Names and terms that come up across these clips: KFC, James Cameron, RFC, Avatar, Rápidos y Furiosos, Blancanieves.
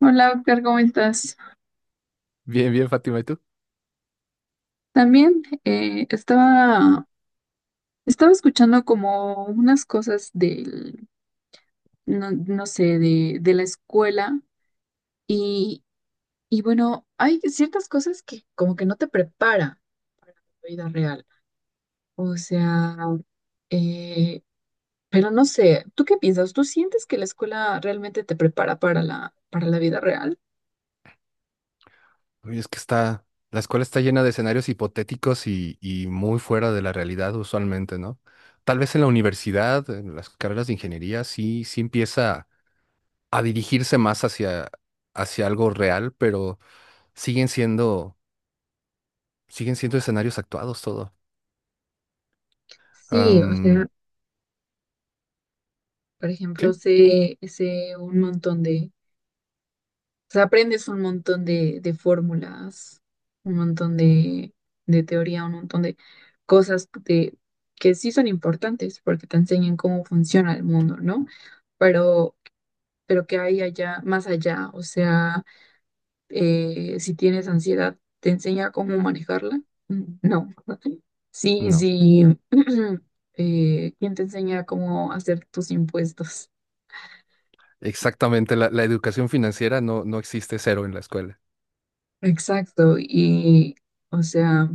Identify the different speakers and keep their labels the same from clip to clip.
Speaker 1: Hola, Oscar, ¿cómo estás?
Speaker 2: Bien, bien, Fátima, ¿y tú?
Speaker 1: También estaba escuchando como unas cosas del, no, no sé, de la escuela y, y bueno, hay ciertas cosas que como que no te prepara para la vida real. O sea, eh, pero no sé, ¿tú qué piensas? ¿Tú sientes que la escuela realmente te prepara para para la vida real?
Speaker 2: Oye, es que está, la escuela está llena de escenarios hipotéticos y muy fuera de la realidad usualmente, ¿no? Tal vez en la universidad, en las carreras de ingeniería, sí, sí empieza a dirigirse hacia algo real, pero siguen siendo, siguen siendo escenarios actuados todo.
Speaker 1: Sí, o sea,
Speaker 2: Am,
Speaker 1: por ejemplo,
Speaker 2: sí,
Speaker 1: sé un montón de. O sea, aprendes un montón de fórmulas, un montón de teoría, un montón de cosas de- que sí son importantes porque te enseñan cómo funciona el mundo, ¿no? Pero, pero que hay allá, más allá, o sea, si tienes ansiedad, ¿te enseña cómo manejarla? Mm, no. Sí,
Speaker 2: no,
Speaker 1: sí. ¿Quién te enseña cómo hacer tus impuestos?
Speaker 2: exactamente, la educación financiera no existe cero en la escuela.
Speaker 1: Exacto. Y, o sea...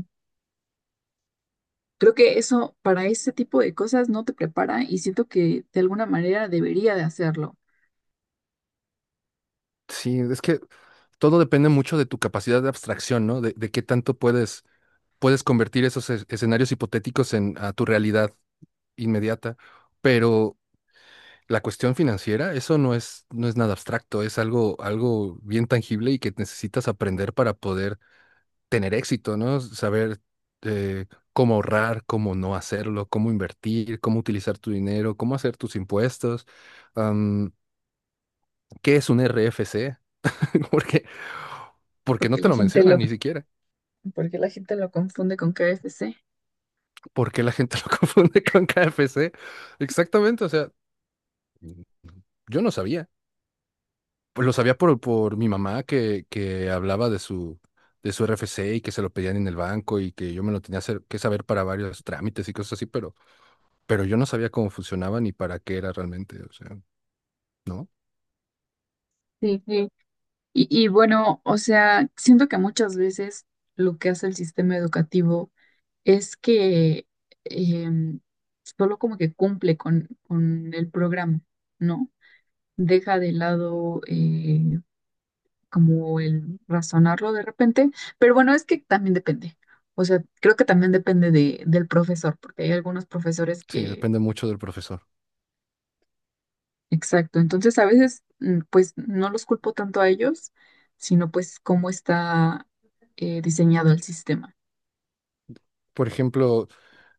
Speaker 1: Creo que eso, para ese tipo de cosas, no te prepara y siento que de alguna manera debería de hacerlo,
Speaker 2: Sí, es que todo depende mucho de tu capacidad de abstracción, ¿no? De qué tanto puedes convertir esos escenarios hipotéticos en a tu realidad inmediata, pero la cuestión financiera, eso no es nada abstracto, algo bien tangible y que necesitas aprender para poder tener éxito, ¿no? Saber eh, cómo ahorrar, cómo no hacerlo, cómo invertir, cómo utilizar tu dinero, cómo hacer tus impuestos, am, qué es un RFC, porque, porque no
Speaker 1: porque
Speaker 2: te lo mencionan ni siquiera,
Speaker 1: porque la gente lo confunde con KFC.
Speaker 2: porque la gente lo confunde con KFC. Exactamente, o sea, mm, yo no sabía. Pues lo sabía por mi mamá que hablaba de su RFC y que se lo pedían en el banco y que yo me lo que saber para varios trámites y cosas así, pero yo no sabía cómo funcionaba ni para qué era realmente. O sea, ¿no?
Speaker 1: Sí, sí, sí. Y bueno, o sea, siento que muchas veces lo que hace el sistema educativo es que em, solo como que cumple con el programa, ¿no? Deja de lado, como el razonarlo de repente, pero bueno, es que también depende. O sea, creo que también depende del profesor, porque hay algunos profesores
Speaker 2: Sí,
Speaker 1: que,
Speaker 2: depende mucho del profesor.
Speaker 1: exacto, entonces a veces pues no los culpo tanto a ellos, sino pues cómo está diseñado el sistema.
Speaker 2: Por ejemplo,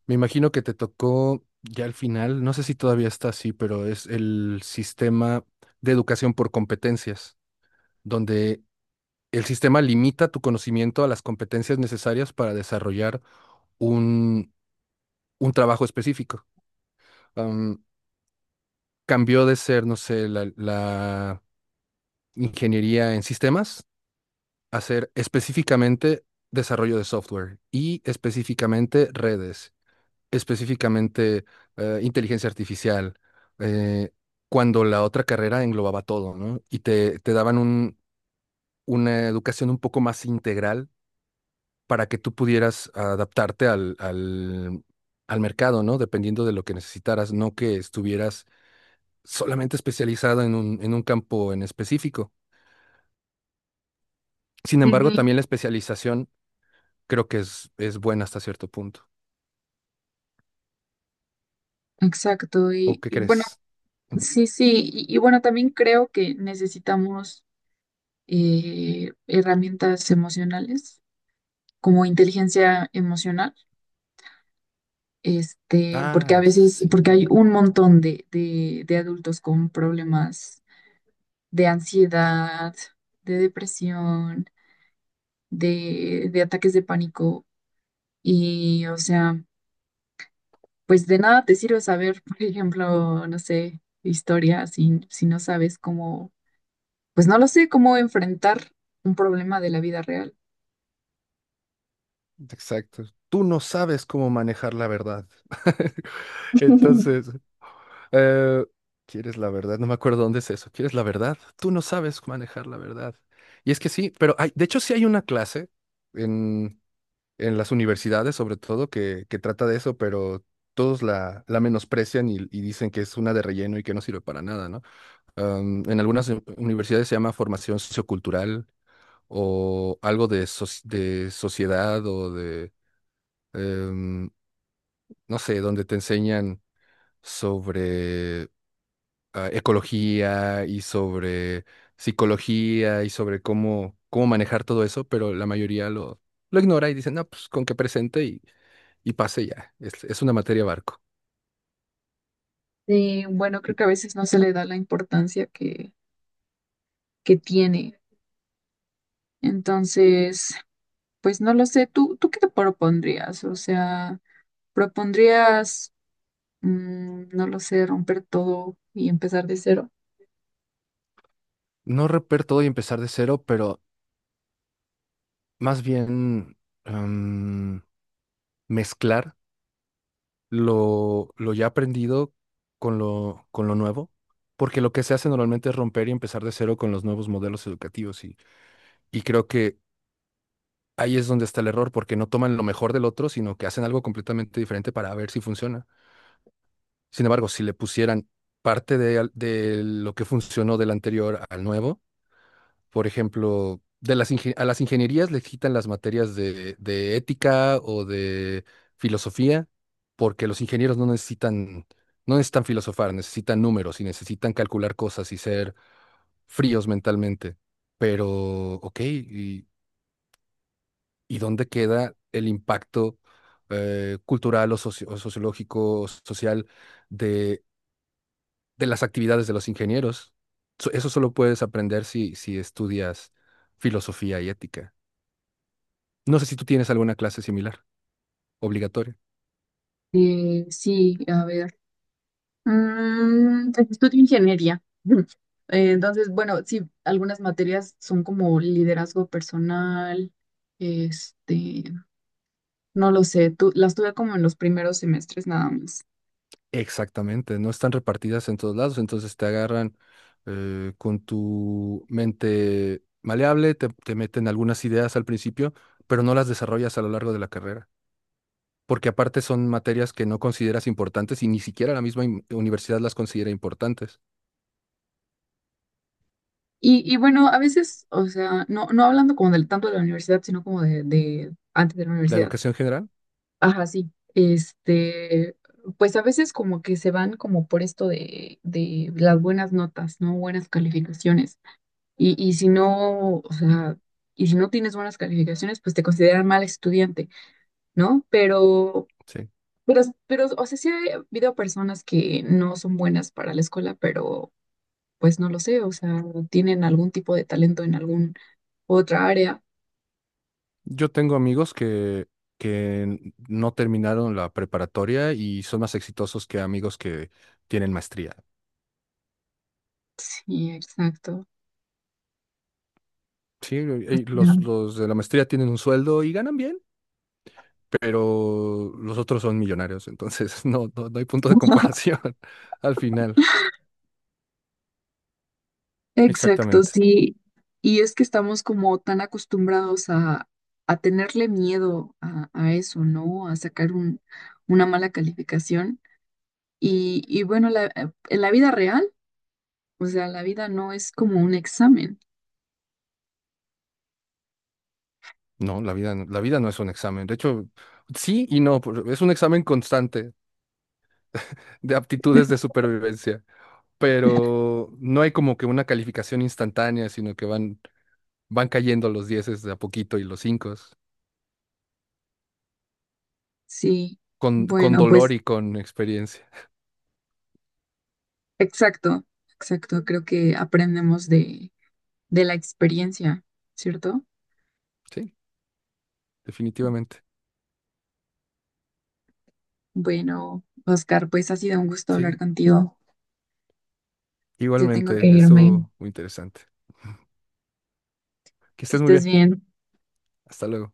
Speaker 2: me imagino que te tocó ya al final, no sé si todavía está así, pero es el sistema de educación por competencias, donde el sistema limita tu conocimiento a las competencias necesarias para desarrollar un, un trabajo específico. Am, Cambió de ser, no sé, la ingeniería en sistemas a ser específicamente desarrollo de software y específicamente redes, específicamente inteligencia artificial, eh, cuando la otra carrera englobaba todo, ¿no? Y te daban una educación un poco más integral para que tú pudieras adaptarte al mercado, ¿no? Dependiendo de lo que necesitaras, no que estuvieras solamente especializado en en un campo en específico. Sin
Speaker 1: Sí,
Speaker 2: embargo,
Speaker 1: sí.
Speaker 2: también la especialización creo que es buena hasta cierto punto.
Speaker 1: Exacto,
Speaker 2: ¿O qué
Speaker 1: y bueno,
Speaker 2: crees?
Speaker 1: sí, sí, y bueno, también creo que necesitamos herramientas emocionales, como inteligencia emocional. Este, porque a
Speaker 2: Ah,
Speaker 1: veces, porque hay
Speaker 2: sí,
Speaker 1: un montón de adultos con problemas de ansiedad, de depresión, de ataques de pánico. Y, o sea, pues de nada te sirve saber, por ejemplo, no sé, historia, si no sabes cómo, pues no lo sé, cómo enfrentar un problema de la vida real.
Speaker 2: exacto. Tú no sabes cómo manejar la verdad. Entonces, Eh, ¿quieres la verdad? No me acuerdo dónde es eso. ¿Quieres la verdad? Tú no sabes manejar la verdad. Y es que sí, pero hay, de hecho sí hay una clase en, en las universidades, sobre todo, que trata de eso, pero todos la menosprecian y dicen que es una de relleno y que no sirve para nada, ¿no? En algunas universidades se llama formación sociocultural o algo de, de sociedad o de, em, no sé, donde te enseñan sobre ecología y sobre psicología y sobre cómo, cómo manejar todo eso, pero la mayoría lo ignora y dicen no, pues con que presente y pase ya. Es una materia barco.
Speaker 1: Y bueno, creo que a veces no se le da la importancia que tiene. Entonces... Pues no lo sé, tú qué te propondrías? O sea, ¿propondrías, no lo sé, romper todo y empezar de cero?
Speaker 2: No romper todo y empezar de cero, pero más bien em, mezclar lo ya aprendido con lo nuevo, porque lo que se hace normalmente es romper y empezar de cero con los nuevos modelos educativos y creo que ahí es donde está el error, porque no toman lo mejor del otro, sino que hacen algo completamente diferente para ver si funciona. Sin embargo, si le pusieran parte de lo que funcionó del anterior al nuevo, por ejemplo, a las ingenierías les quitan las materias de ética o de filosofía, porque los ingenieros no necesitan, no necesitan filosofar, necesitan números y necesitan calcular cosas y ser fríos mentalmente. Pero, ok, y ¿y dónde queda el impacto cultural o sociológico, o social de, de las actividades de los ingenieros? Eso solo puedes aprender si estudias filosofía y ética. No sé si tú tienes alguna clase similar, obligatoria.
Speaker 1: Sí, a ver. Mm, pues estudio ingeniería. Entonces, bueno, sí, algunas materias son como liderazgo personal, este, no lo sé, tú, las tuve como en los primeros semestres nada más.
Speaker 2: Exactamente, no están repartidas en todos lados, entonces te agarran con tu mente maleable, te meten algunas ideas al principio, pero no las desarrollas a lo largo de la carrera. Porque aparte son materias que no consideras importantes y ni siquiera la misma universidad las considera importantes.
Speaker 1: Y bueno, a veces, o sea, no hablando como del, tanto de la universidad, sino como de antes de la
Speaker 2: La
Speaker 1: universidad.
Speaker 2: educación general,
Speaker 1: Ajá, sí. Este, pues a veces como que se van como por esto de las buenas notas, ¿no? Buenas calificaciones. Y si no, o sea, y si no tienes buenas calificaciones, pues te consideran mal estudiante, ¿no?
Speaker 2: sí.
Speaker 1: Pero, pero, o sea, sí ha habido personas que no son buenas para la escuela, pero pues no lo sé, o sea, tienen algún tipo de talento en algún otra área.
Speaker 2: Yo tengo amigos que no terminaron la preparatoria y son más exitosos que amigos que tienen maestría.
Speaker 1: Sí, exacto.
Speaker 2: Sí,
Speaker 1: O sea,
Speaker 2: los de la maestría tienen un sueldo y ganan bien, pero los otros son millonarios, entonces no, no, no hay punto de comparación al final.
Speaker 1: exacto,
Speaker 2: Exactamente.
Speaker 1: sí. Y es que estamos como tan acostumbrados a tenerle miedo a eso, ¿no? A sacar un, una mala calificación. Y bueno, en la vida real, o sea, la vida no es como un examen.
Speaker 2: No, la vida, la vida no es un examen. De hecho, sí y no, es un examen constante de aptitudes de supervivencia, pero no hay como que una calificación instantánea, sino que van, van cayendo los dieces de a poquito y los cinco,
Speaker 1: Sí.
Speaker 2: con
Speaker 1: Bueno,
Speaker 2: dolor
Speaker 1: pues
Speaker 2: y con experiencia.
Speaker 1: exacto, exacto. Creo que aprendemos de la experiencia, ¿cierto?
Speaker 2: Sí, definitivamente.
Speaker 1: Bueno, Oscar, pues ha sido un gusto
Speaker 2: Sí,
Speaker 1: hablar contigo. Ya tengo que
Speaker 2: igualmente,
Speaker 1: irme.
Speaker 2: estuvo muy interesante. Que
Speaker 1: Que
Speaker 2: estés muy
Speaker 1: estés
Speaker 2: bien.
Speaker 1: bien.
Speaker 2: Hasta luego.